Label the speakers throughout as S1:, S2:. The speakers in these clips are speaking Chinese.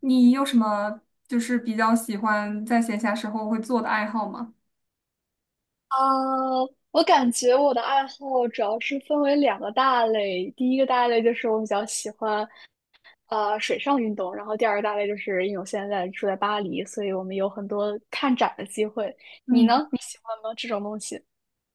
S1: 你有什么就是比较喜欢在闲暇时候会做的爱好吗？
S2: 啊，我感觉我的爱好主要是分为两个大类，第一个大类就是我比较喜欢，水上运动。然后第二个大类就是因为我现在住在巴黎，所以我们有很多看展的机会。你
S1: 嗯。
S2: 呢？你喜欢吗？这种东西？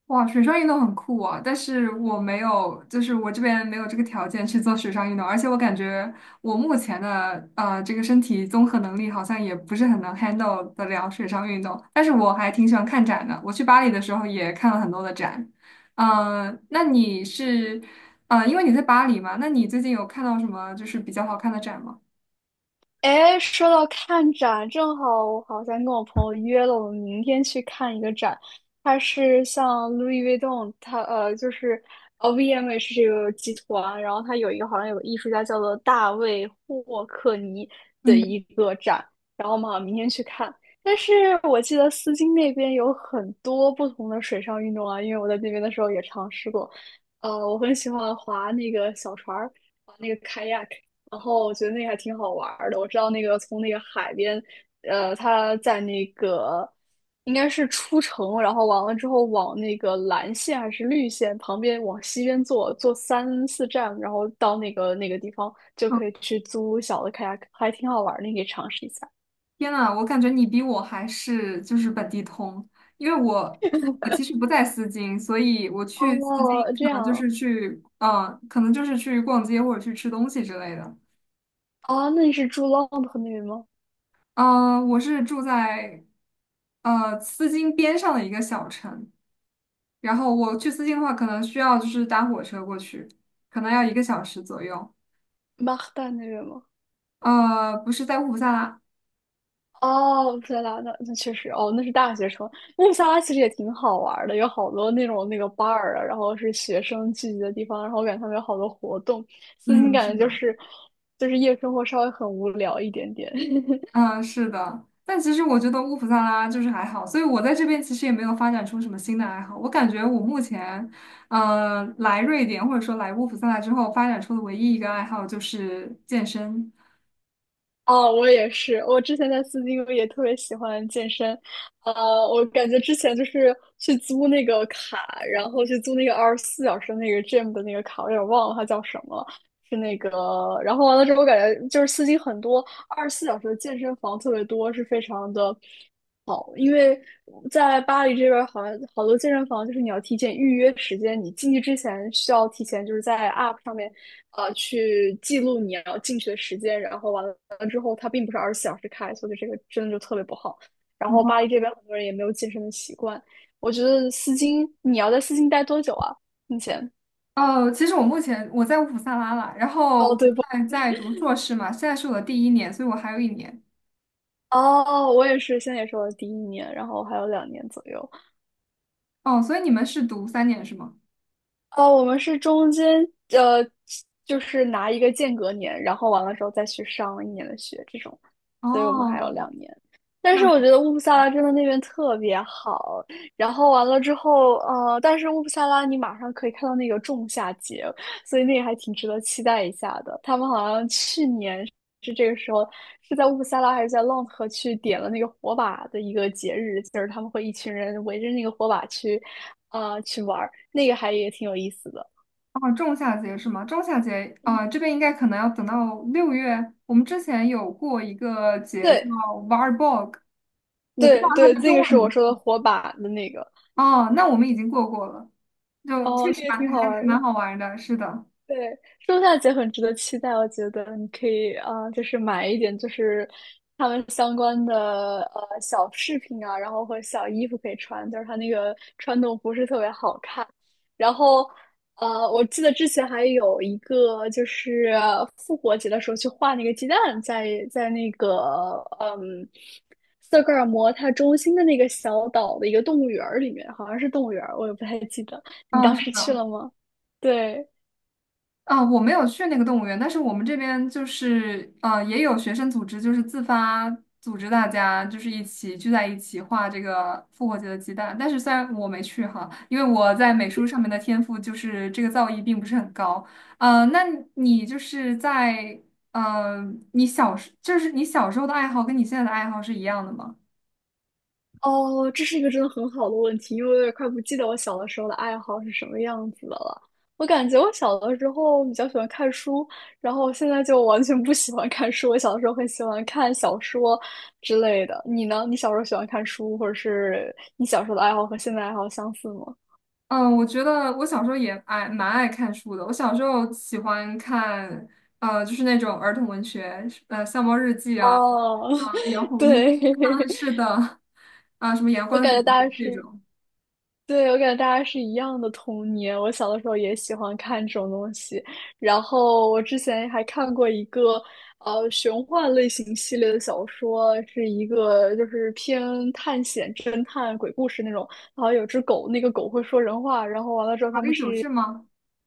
S1: 哇，水上运动很酷啊，但是我没有，就是我这边没有这个条件去做水上运动，而且我感觉我目前的这个身体综合能力好像也不是很能 handle 得了水上运动，但是我还挺喜欢看展的，我去巴黎的时候也看了很多的展。嗯、那你是呃，因为你在巴黎嘛，那你最近有看到什么就是比较好看的展吗？
S2: 哎，说到看展，正好我好像跟我朋友约了，我们明天去看一个展。它是像 Louis Vuitton，它就是VMH 这个集团，然后它有一个好像有个艺术家叫做大卫霍克尼的一
S1: 嗯。
S2: 个展，然后我们好像明天去看。但是我记得丝巾那边有很多不同的水上运动啊，因为我在那边的时候也尝试过。我很喜欢划那个小船儿。然后我觉得那个还挺好玩儿的。我知道那个从那个海边，呃，他在那个应该是出城，然后完了之后往那个蓝线还是绿线旁边往西边坐，坐3、4站，然后到那个地方就可以去租小的 kayak，还挺好玩儿的，你可以尝试一下。
S1: 天呐，我感觉你比我还是就是本地通，因为我其实不在丝巾，所以我去丝巾
S2: 哦，这
S1: 可能就是
S2: 样
S1: 去，可能就是去逛街或者去吃东西之类的。
S2: 啊？那你是住 London 那边吗？
S1: 嗯、我是住在丝巾边上的一个小城，然后我去丝巾的话，可能需要就是搭火车过去，可能要一个小时左右。
S2: 马赫代那边吗？
S1: 不是在乌普萨拉。
S2: 哦，天拉那确实哦，那是大学城。那布萨拉其实也挺好玩儿的，有好多那种那个 bar 啊，然后是学生聚集的地方，然后我感觉他们有好多活动。私心
S1: 嗯，是
S2: 感觉就
S1: 的。
S2: 是就是夜生活稍微很无聊一点点。
S1: 嗯，是的，但其实我觉得乌普萨拉就是还好，所以我在这边其实也没有发展出什么新的爱好。我感觉我目前，来瑞典或者说来乌普萨拉之后发展出的唯一一个爱好就是健身。
S2: 哦，我也是。我之前在斯金也特别喜欢健身，我感觉之前就是去租那个卡，然后去租那个二十四小时那个 gym 的那个卡，我有点忘了它叫什么，是那个。然后完了之后，我感觉就是斯金很多二十四小时的健身房特别多，是非常的好，因为在巴黎这边儿好像好多健身房就是你要提前预约时间，你进去之前需要提前就是在 App 上面，去记录你要进去的时间，然后完了之后它并不是二十四小时开，所以这个真的就特别不好。然后巴黎这边很多人也没有健身的习惯，我觉得丝巾你要在丝巾待多久啊？目前？
S1: 哦，其实我目前我在乌普萨拉啦，然后
S2: 哦，
S1: 我
S2: 对不？
S1: 现在在读硕士嘛，现在是我的第一年，所以我还有一年。
S2: 哦，我也是，现在也是我的第1年，然后还有两年左右。
S1: 哦，所以你们是读三年是吗？
S2: 哦，我们是中间呃，就是拿一个间隔年，然后完了之后再去上一年的学这种，所以我们还有
S1: 哦，
S2: 两年。但
S1: 那。
S2: 是我觉得乌普萨拉真的那边特别好，然后完了之后，但是乌普萨拉你马上可以看到那个仲夏节，所以那个还挺值得期待一下的。他们好像去年是这个时候是在乌普萨拉还是在浪河去点了那个火把的一个节日，就是他们会一群人围着那个火把去，啊，去玩儿，那个还也挺有意思的。
S1: 哦，仲夏节是吗？仲夏节啊，这边应该可能要等到六月。我们之前有过一个节叫
S2: 对
S1: Varborg，我不知道
S2: 对
S1: 它
S2: 对，
S1: 的
S2: 这
S1: 中
S2: 个
S1: 文
S2: 是我说的
S1: 名。
S2: 火把的那个。
S1: 哦，那我们已经过过了，就确
S2: 哦，
S1: 实
S2: 那个
S1: 蛮
S2: 挺好玩儿的。
S1: 蛮好玩的，是的。
S2: 对，圣诞节很值得期待，我觉得你可以啊、就是买一点，就是他们相关的小饰品啊，然后和小衣服可以穿，就是它那个传统服饰特别好看。然后我记得之前还有一个就是复活节的时候去画那个鸡蛋在，在那个嗯斯德哥尔摩它中心的那个小岛的一个动物园儿里面，好像是动物园儿，我也不太记得。你
S1: 嗯，
S2: 当
S1: 是
S2: 时去
S1: 的。
S2: 了吗？对。
S1: 啊，我没有去那个动物园，但是我们这边就是也有学生组织，就是自发组织大家就是一起聚在一起画这个复活节的鸡蛋。但是虽然我没去哈，因为我在美术上面的天赋就是这个造诣并不是很高。呃，那你就是在呃，你小时就是你小时候的爱好跟你现在的爱好是一样的吗？
S2: 哦，这是一个真的很好的问题，因为我有点快不记得我小的时候的爱好是什么样子的了。我感觉我小的时候比较喜欢看书，然后现在就完全不喜欢看书。我小的时候很喜欢看小说之类的。你呢？你小时候喜欢看书，或者是你小时候的爱好和现在爱好相似吗？
S1: 嗯，我觉得我小时候蛮爱看书的。我小时候喜欢看，就是那种儿童文学，《笑猫日记》啊。
S2: 哦，
S1: 啊、杨 红
S2: 对，
S1: 樱，啊，是的。啊，什么《阳
S2: 我
S1: 光
S2: 感
S1: 姐
S2: 觉大
S1: 姐》
S2: 家
S1: 这
S2: 是。
S1: 种，
S2: 对，我感觉大家是一样的童年。我小的时候也喜欢看这种东西，然后我之前还看过一个玄幻类型系列的小说，是一个就是偏探险、侦探、鬼故事那种。然后有只狗，那个狗会说人话，然后完了之后
S1: 《华
S2: 他
S1: 丽
S2: 们
S1: 九
S2: 是
S1: 世》吗？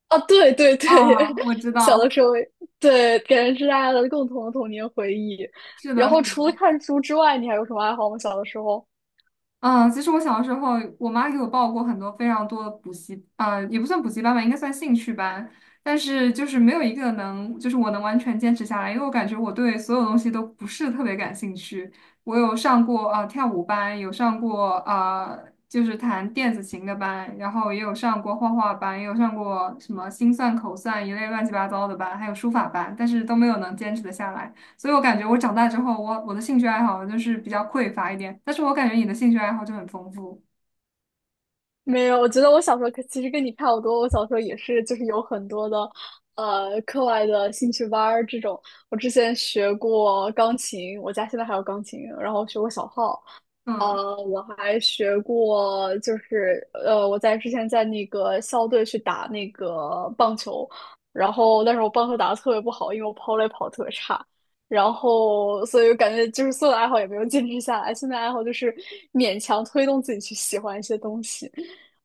S2: 啊，对对
S1: 啊，
S2: 对，
S1: 我知
S2: 小的
S1: 道。
S2: 时候对，感觉是大家的共同的童年回忆。
S1: 是的，
S2: 然后
S1: 是的。
S2: 除了看书之外，你还有什么爱好吗？小的时候？
S1: 嗯，其实我小时候，我妈给我报过非常多的补习，也不算补习班吧，应该算兴趣班，但是就是没有一个能，就是我能完全坚持下来，因为我感觉我对所有东西都不是特别感兴趣。我有上过跳舞班，有上过就是弹电子琴的班，然后也有上过画画班，也有上过什么心算、口算一类乱七八糟的班，还有书法班，但是都没有能坚持的下来。所以我感觉我长大之后，我的兴趣爱好就是比较匮乏一点，但是我感觉你的兴趣爱好就很丰富。
S2: 没有，我觉得我小时候可其实跟你差不多。我小时候也是，就是有很多的，课外的兴趣班儿这种。我之前学过钢琴，我家现在还有钢琴，然后学过小号，
S1: 嗯，
S2: 我还学过，我在之前在那个校队去打那个棒球，然后但是我棒球打得特别不好，因为我跑垒跑得特别差，然后所以我感觉就是所有的爱好也没有坚持下来，现在爱好就是勉强推动自己去喜欢一些东西。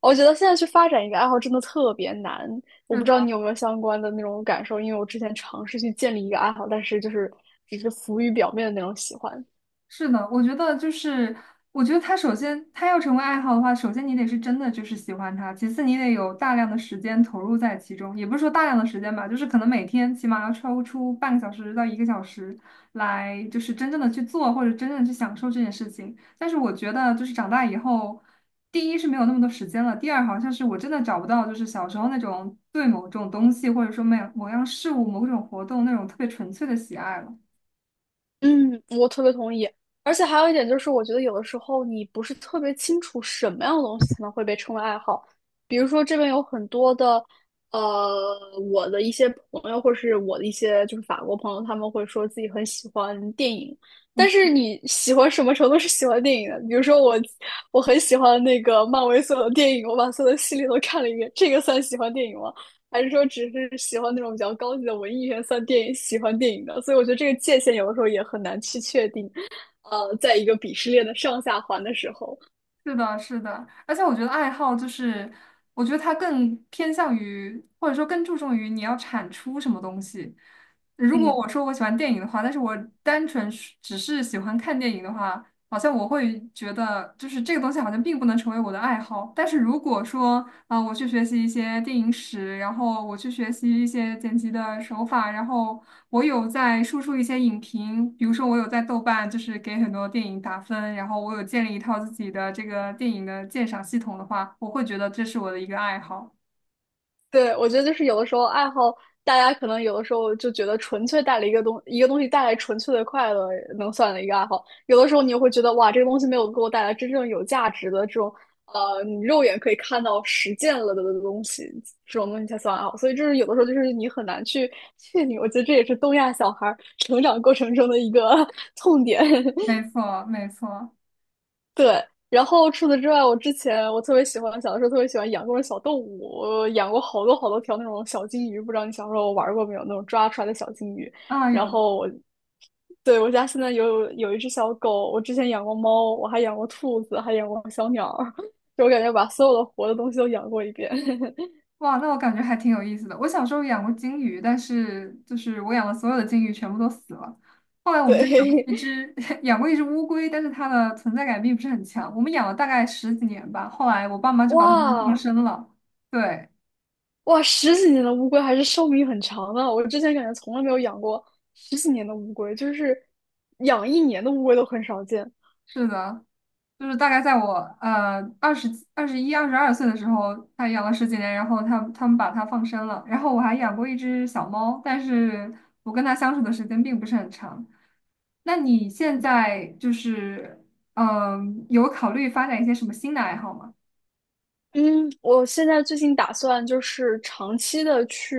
S2: 我觉得现在去发展一个爱好真的特别难，我
S1: 是
S2: 不知道
S1: 的。
S2: 你有没有相关的那种感受，因为我之前尝试去建立一个爱好，但是就是只是浮于表面的那种喜欢。
S1: 是的，我觉得就是，我觉得他首先他要成为爱好的话，首先你得是真的就是喜欢他，其次你得有大量的时间投入在其中，也不是说大量的时间吧，就是可能每天起码要抽出半个小时到一个小时来，就是真正的去做或者真正的去享受这件事情。但是我觉得就是长大以后，第一是没有那么多时间了，第二好像是我真的找不到就是小时候那种对某种东西或者说某某样事物某种活动那种特别纯粹的喜爱了。
S2: 嗯，我特别同意。而且还有一点就是，我觉得有的时候你不是特别清楚什么样的东西才能会被称为爱好。比如说，这边有很多的，呃，我的一些朋友，或是我的一些就是法国朋友，他们会说自己很喜欢电影。但是你喜欢什么程度是喜欢电影的？比如说我，我很喜欢那个漫威所有的电影，我把所有的系列都看了一遍，这个算喜欢电影吗？还是说只是喜欢那种比较高级的文艺元算电影喜欢电影的？所以我觉得这个界限有的时候也很难去确定。在一个鄙视链的上下环的时候，
S1: 是的，是的，而且我觉得爱好就是，我觉得它更偏向于，或者说更注重于你要产出什么东西。如果
S2: 嗯，
S1: 我说我喜欢电影的话，但是我单纯是只是喜欢看电影的话，好像我会觉得就是这个东西好像并不能成为我的爱好。但是如果说我去学习一些电影史，然后我去学习一些剪辑的手法，然后我有在输出一些影评，比如说我有在豆瓣，就是给很多电影打分，然后我有建立一套自己的这个电影的鉴赏系统的话，我会觉得这是我的一个爱好。
S2: 对，我觉得就是有的时候爱好，大家可能有的时候就觉得纯粹带了一个东西带来纯粹的快乐，能算的一个爱好。有的时候你又会觉得哇，这个东西没有给我带来真正有价值的这种，你肉眼可以看到实践了的东西，这种东西才算爱好。所以就是有的时候就是你很难去确定，我觉得这也是东亚小孩儿成长过程中的一个 痛点。
S1: 没错，没错。
S2: 对，然后除此之外，我之前我特别喜欢，小的时候特别喜欢养各种小动物，我养过好多好多条那种小金鱼，不知道你小时候玩过没有？那种抓出来的小金鱼。
S1: 啊，
S2: 然
S1: 有。
S2: 后我，对，我家现在有一只小狗，我之前养过猫，我还养过兔子，还养过小鸟儿 就我感觉把所有的活的东西都养过一遍。
S1: 哇，那我感觉还挺有意思的。我小时候养过金鱼，但是就是我养的所有的金鱼全部都死了。后来 我们家养过
S2: 对，
S1: 一只 养过一只乌龟，但是它的存在感并不是很强。我们养了大概十几年吧，后来我爸妈 就把它们放
S2: 哇
S1: 生了。对，
S2: 哇，十几年的乌龟还是寿命很长的。我之前感觉从来没有养过十几年的乌龟，就是养一年的乌龟都很少见。
S1: 是的。就是大概在我二十二十一、二十二岁的时候，他养了十几年，然后他们把它放生了，然后我还养过一只小猫，但是我跟它相处的时间并不是很长。那你现在就是嗯、有考虑发展一些什么新的爱好吗？
S2: 嗯，我现在最近打算就是长期的去，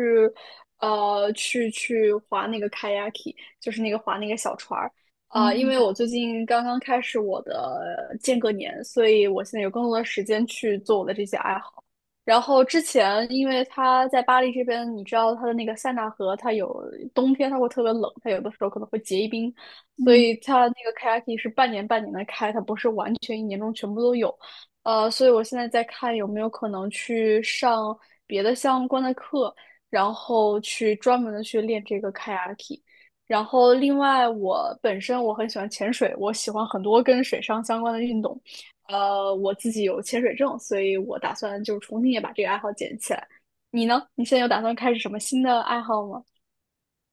S2: 去划那个 kayaki，就是那个划那个小船儿。
S1: 哦。
S2: 啊、因为我最近刚刚开始我的间隔年，所以我现在有更多的时间去做我的这些爱好。然后之前，因为它在巴黎这边，你知道它的那个塞纳河，它有冬天它会特别冷，它有的时候可能会结一冰，所
S1: 嗯
S2: 以它那个 kayaki 是半年半年的开，它不是完全一年中全部都有。所以我现在在看有没有可能去上别的相关的课，然后去专门的去练这个 kayaki 然后另外，我本身我很喜欢潜水，我喜欢很多跟水上相关的运动。我自己有潜水证，所以我打算就重新也把这个爱好捡起来。你呢？你现在有打算开始什么新的爱好吗？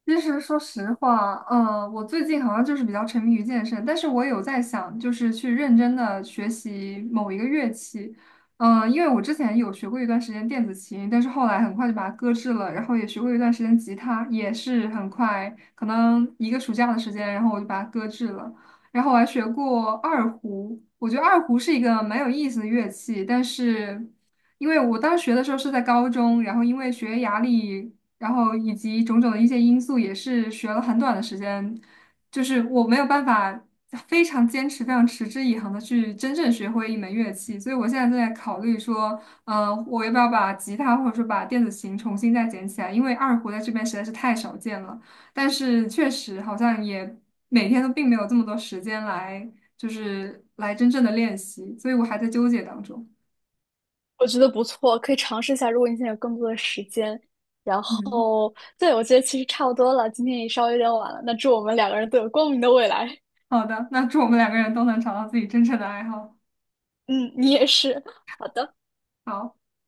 S1: 其实说实话，我最近好像就是比较沉迷于健身，但是我有在想，就是去认真的学习某一个乐器。因为我之前有学过一段时间电子琴，但是后来很快就把它搁置了，然后也学过一段时间吉他，也是很快，可能一个暑假的时间，然后我就把它搁置了，然后我还学过二胡，我觉得二胡是一个蛮有意思的乐器。但是因为我当时学的时候是在高中，然后因为学业压力然后以及种种的一些因素，也是学了很短的时间，就是我没有办法非常坚持、非常持之以恒的去真正学会一门乐器，所以我现在正在考虑说，我要不要把吉他或者说把电子琴重新再捡起来，因为二胡在这边实在是太少见了，但是确实好像也每天都并没有这么多时间来，就是来真正的练习，所以我还在纠结当中。
S2: 我觉得不错，可以尝试一下。如果你现在有更多的时间，然
S1: 嗯，
S2: 后，对，我觉得其实差不多了，今天也稍微有点晚了。那祝我们两个人都有光明的未来。
S1: 好的，那祝我们两个人都能找到自己真正的爱好。
S2: 嗯，你也是。好的。
S1: 好。